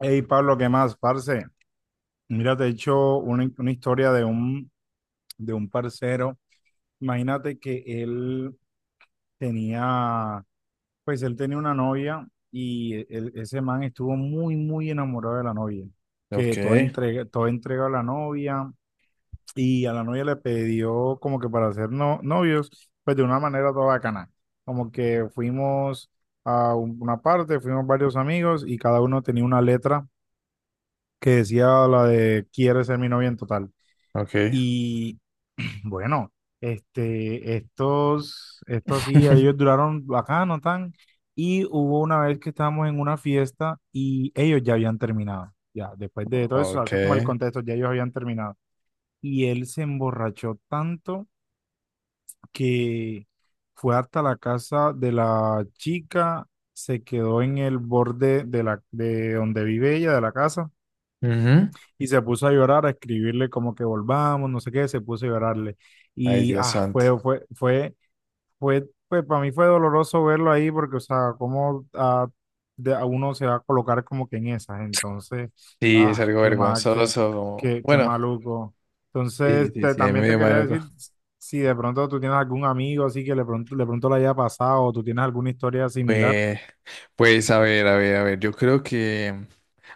Hey Pablo, ¿qué más, parce? Mira, te he hecho una historia de un parcero. Imagínate que él tenía, pues él tenía una novia y ese man estuvo muy enamorado de la novia, Ok, que toda entrega a la novia, y a la novia le pidió como que para ser novios, pues de una manera toda bacana. Como que fuimos a una parte, fuimos varios amigos y cada uno tenía una letra que decía la de quiere ser mi novia en total. ok. Y bueno, estos sí, ellos duraron bacano, tan. Y hubo una vez que estábamos en una fiesta y ellos ya habían terminado. Ya, después de todo eso, Ok. hace como el contexto, ya ellos habían terminado. Y él se emborrachó tanto que fue hasta la casa de la chica, se quedó en el borde de de donde vive ella, de la casa. Ujú. Y se puso a llorar, a escribirle como que volvamos, no sé qué, se puso a llorarle. Ay, Y Dios santo. Fue, pues para mí fue doloroso verlo ahí porque, o sea, a uno se va a colocar como que en esas. Entonces, Sí, es algo qué mal, vergonzoso. Qué Bueno, maluco. sí, Entonces, sí, sí, ahí también te medio quería maluco. decir si de pronto tú tienes algún amigo así que de pronto le haya pasado o tú tienes alguna historia similar. Pues, pues, a ver, a ver, a ver. Yo creo que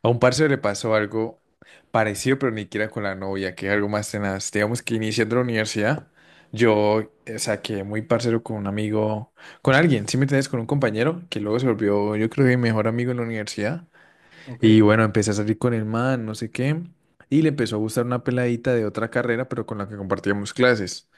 a un parce le pasó algo parecido, pero ni siquiera con la novia, que es algo más tenaz. Digamos que iniciando la universidad, yo saqué muy parcero con un amigo, con alguien, ¿sí me entiendes? Con un compañero, que luego se volvió, yo creo que mi mejor amigo en la universidad. Ok, Y bueno, empecé a salir con el man, no sé qué, y le empezó a gustar una peladita de otra carrera, pero con la que compartíamos clases.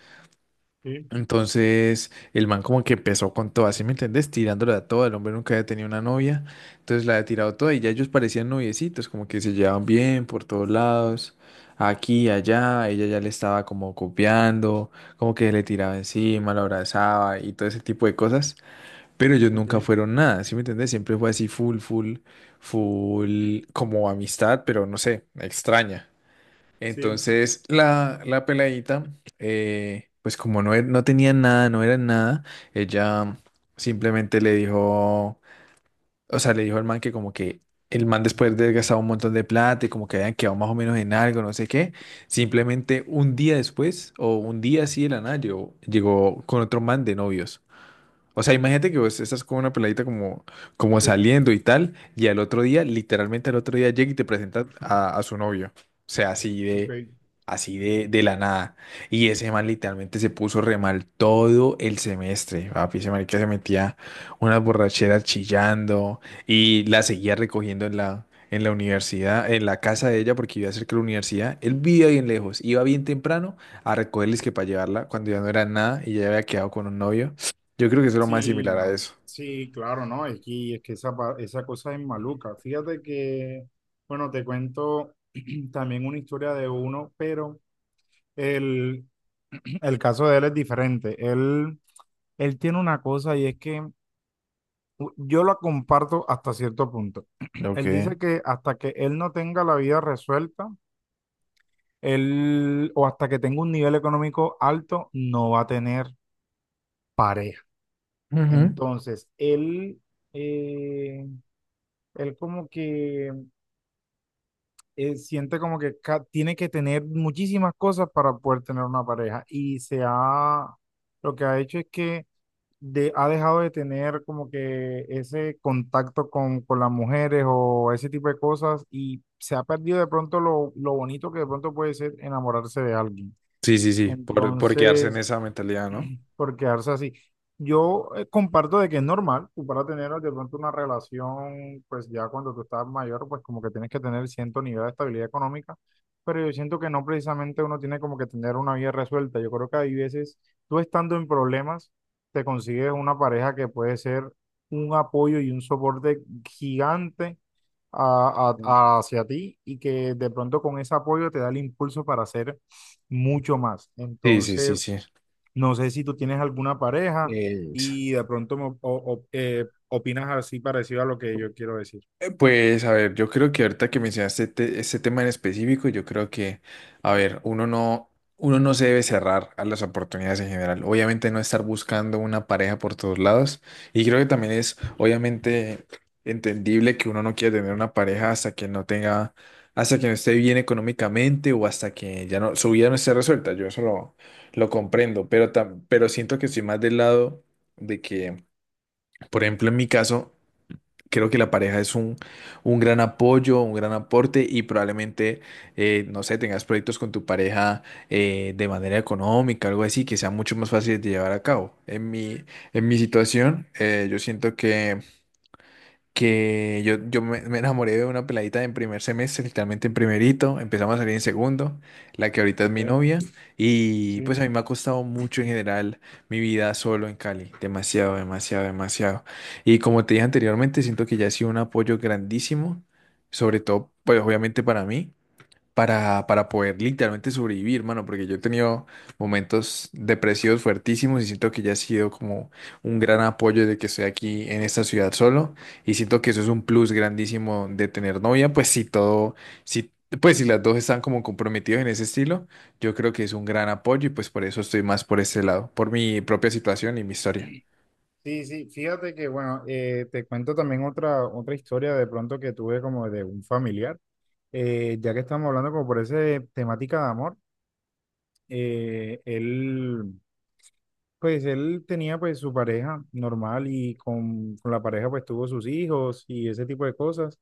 sí, Entonces, el man como que empezó con todo, ¿así me entendés? Tirándola a todo, el hombre nunca había tenido una novia, entonces la había tirado toda y ya ellos parecían noviecitos, como que se llevaban bien por todos lados, aquí, allá, ella ya le estaba como copiando, como que le tiraba encima, la abrazaba y todo ese tipo de cosas. Pero ellos nunca ok, fueron nada, ¿sí me entiendes? Siempre fue así full, full, full, como amistad, pero no sé, extraña. sí, Entonces la peladita, pues como no, no tenía nada, no era nada, ella simplemente le dijo, o sea, le dijo al man que como que el man después de haber gastado un montón de plata y como que habían quedado más o menos en algo, no sé qué, simplemente un día después o un día así de la nada llegó, llegó con otro man de novios. O sea, imagínate que vos estás con una peladita como, como sí, saliendo y tal, y al otro día, literalmente al otro día llega y te presenta a su novio. O sea, ok. así de la nada. Y ese man literalmente se puso re mal todo el semestre. Papi, ese marica se metía unas borracheras chillando y la seguía recogiendo en la universidad, en la casa de ella, porque iba cerca de la universidad. Él vivía bien lejos, iba bien temprano a recogerles que para llevarla cuando ya no era nada y ya había quedado con un novio. Yo creo que es lo más Sí, similar a no, eso. sí, claro, no, es que esa, esa cosa es maluca. Fíjate que, bueno, te cuento también una historia de uno, pero el, el caso de él es diferente. Él tiene una cosa y es que yo la comparto hasta cierto punto. Ok. Él dice que hasta que él no tenga la vida resuelta, él, o hasta que tenga un nivel económico alto, no va a tener pareja. Ujú. Entonces, eh, él como que siente como que tiene que tener muchísimas cosas para poder tener una pareja y lo que ha hecho es que ha dejado de tener como que ese contacto con las mujeres o ese tipo de cosas y se ha perdido de pronto lo bonito que de pronto puede ser enamorarse de alguien. Sí, sí, sí, por quedarse en Entonces, esa mentalidad, ¿no? por quedarse así. Yo comparto de que es normal, tú para tener de pronto una relación, pues ya cuando tú estás mayor, pues como que tienes que tener cierto nivel de estabilidad económica, pero yo siento que no precisamente uno tiene como que tener una vida resuelta. Yo creo que hay veces, tú estando en problemas, te consigues una pareja que puede ser un apoyo y un soporte gigante hacia ti y que de pronto con ese apoyo te da el impulso para hacer mucho más. Sí, sí, sí, Entonces, sí. no sé si tú tienes alguna pareja Eh, y de pronto opinas así parecido a lo que yo quiero decir. Pues a ver, yo creo que ahorita que mencionaste este tema en específico, yo creo que, a ver, uno no se debe cerrar a las oportunidades en general. Obviamente no estar buscando una pareja por todos lados. Y creo que también es obviamente entendible que uno no quiera tener una pareja hasta que no tenga, hasta que no esté bien económicamente o hasta que ya no, su vida no esté resuelta. Yo eso lo comprendo, pero, pero siento que estoy más del lado de que, por ejemplo, en mi caso, creo que la pareja es un gran apoyo, un gran aporte y probablemente, no sé, tengas proyectos con tu pareja de manera económica, algo así, que sea mucho más fácil de llevar a cabo. En mi situación, yo siento que me enamoré de una peladita en primer semestre, literalmente en primerito, empezamos a salir en segundo, la que ahorita es ¿Ok? mi novia, y pues Sí. a mí me ha costado mucho en general mi vida solo en Cali, demasiado, demasiado, demasiado. Y como te dije anteriormente, siento que ya ha sido un apoyo grandísimo, sobre todo, pues obviamente para mí para poder literalmente sobrevivir, mano, porque yo he tenido momentos depresivos fuertísimos y siento que ya ha sido como un gran apoyo de que estoy aquí en esta ciudad solo y siento que eso es un plus grandísimo de tener novia, pues si todo, si, pues si las dos están como comprometidas en ese estilo, yo creo que es un gran apoyo y pues por eso estoy más por ese lado, por mi propia situación y mi historia. Sí, sí, fíjate que, bueno, te cuento también otra historia de pronto que tuve como de un familiar. Ya que estamos hablando como por esa temática de amor, él pues él tenía pues su pareja normal y con la pareja pues tuvo sus hijos y ese tipo de cosas.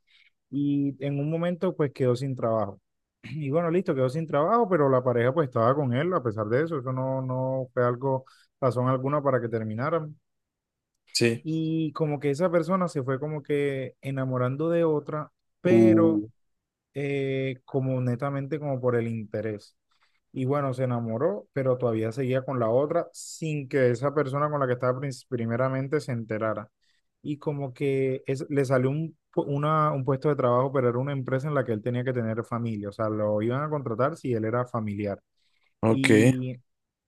Y en un momento pues quedó sin trabajo. Y bueno, listo, quedó sin trabajo, pero la pareja pues estaba con él a pesar de eso. Eso no fue algo, razón alguna para que terminaran. Sí. Y como que esa persona se fue como que enamorando de otra, pero Uh. Como netamente como por el interés. Y bueno, se enamoró, pero todavía seguía con la otra sin que esa persona con la que estaba primeramente se enterara. Y como que le salió un puesto de trabajo, pero era una empresa en la que él tenía que tener familia. O sea, lo iban a contratar si él era familiar. Ok. Y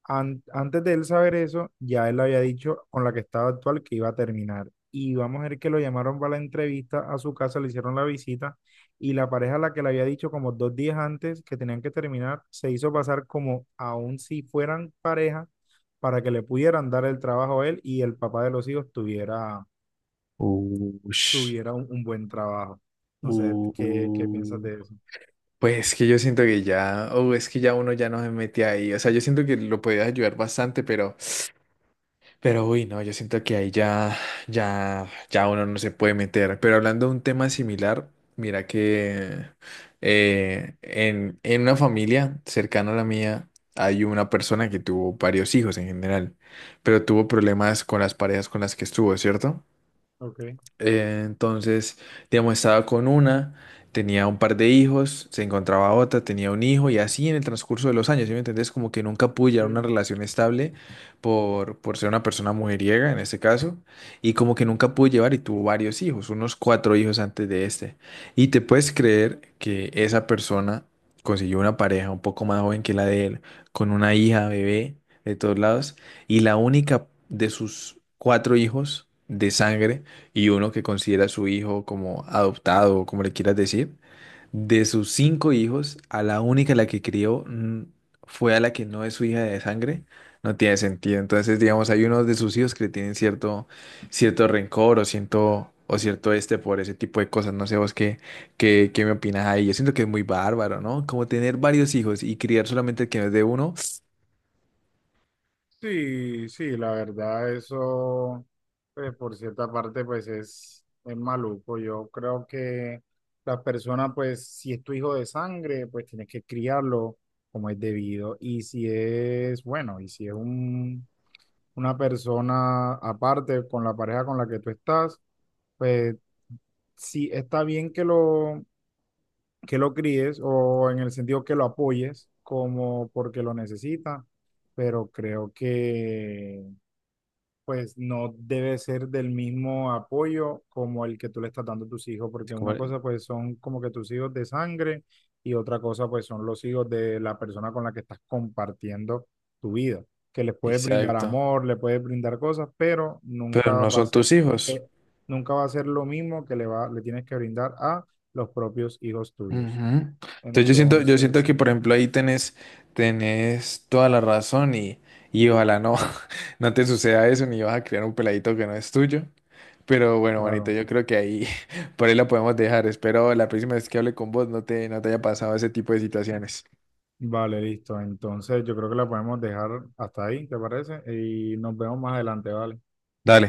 antes de él saber eso, ya él había dicho con la que estaba actual que iba a terminar. Y vamos a ver que lo llamaron para la entrevista a su casa, le hicieron la visita y la pareja a la que le había dicho como dos días antes que tenían que terminar, se hizo pasar como aún si fueran pareja para que le pudieran dar el trabajo a él y el papá de los hijos Uh, ush, tuviera un buen trabajo. No sé, qué piensas uh. de eso? Pues que yo siento que ya, oh, es que ya uno ya no se mete ahí. O sea, yo siento que lo podías ayudar bastante, pero uy, no, yo siento que ahí ya, ya, ya uno no se puede meter. Pero hablando de un tema similar, mira que en una familia cercana a la mía hay una persona que tuvo varios hijos en general, pero tuvo problemas con las parejas con las que estuvo, ¿cierto? Ok, Entonces, digamos, estaba con una, tenía un par de hijos, se encontraba otra, tenía un hijo y así en el transcurso de los años, ¿sí me entendés? Como que nunca pude llevar una sí. relación estable por ser una persona mujeriega en este caso y como que nunca pude llevar y tuvo varios hijos, unos cuatro hijos antes de este. Y te puedes creer que esa persona consiguió una pareja un poco más joven que la de él, con una hija, bebé, de todos lados, y la única de sus cuatro hijos de sangre, y uno que considera a su hijo como adoptado o como le quieras decir, de sus cinco hijos, a la única a la que crió fue a la que no es su hija de sangre, no tiene sentido. Entonces, digamos, hay unos de sus hijos que le tienen cierto, cierto rencor o cierto este por ese tipo de cosas. No sé vos qué, qué, qué me opinas ahí. Yo siento que es muy bárbaro, ¿no? Como tener varios hijos y criar solamente el que no es de uno. Sí, sí, la verdad, eso, pues, por cierta parte, es maluco. Yo creo que la persona, pues, si es tu hijo de sangre, pues tienes que criarlo como es debido. Y si es, bueno, y si es una persona aparte con la pareja con la que tú estás, pues sí está bien que que lo críes o en el sentido que lo apoyes como porque lo necesita, pero creo que pues no debe ser del mismo apoyo como el que tú le estás dando a tus hijos, porque una como- cosa pues son como que tus hijos de sangre y otra cosa pues son los hijos de la persona con la que estás compartiendo tu vida, que les puedes brindar Exacto. amor, le puedes brindar cosas, pero Pero nunca no va a son ser, tus hijos. eh, nunca va a ser lo mismo que le tienes que brindar a los propios hijos Ujú. tuyos. Entonces yo Entonces, siento sí, que por ejemplo ahí tenés, tenés toda la razón y ojalá no, no te suceda eso ni vas a criar un peladito que no es tuyo. Pero bueno, manito, claro. yo creo que ahí por ahí la podemos dejar. Espero la próxima vez que hable con vos no te, no te haya pasado ese tipo de situaciones. Vale, listo. Entonces yo creo que la podemos dejar hasta ahí, ¿te parece? Y nos vemos más adelante, ¿vale? Dale.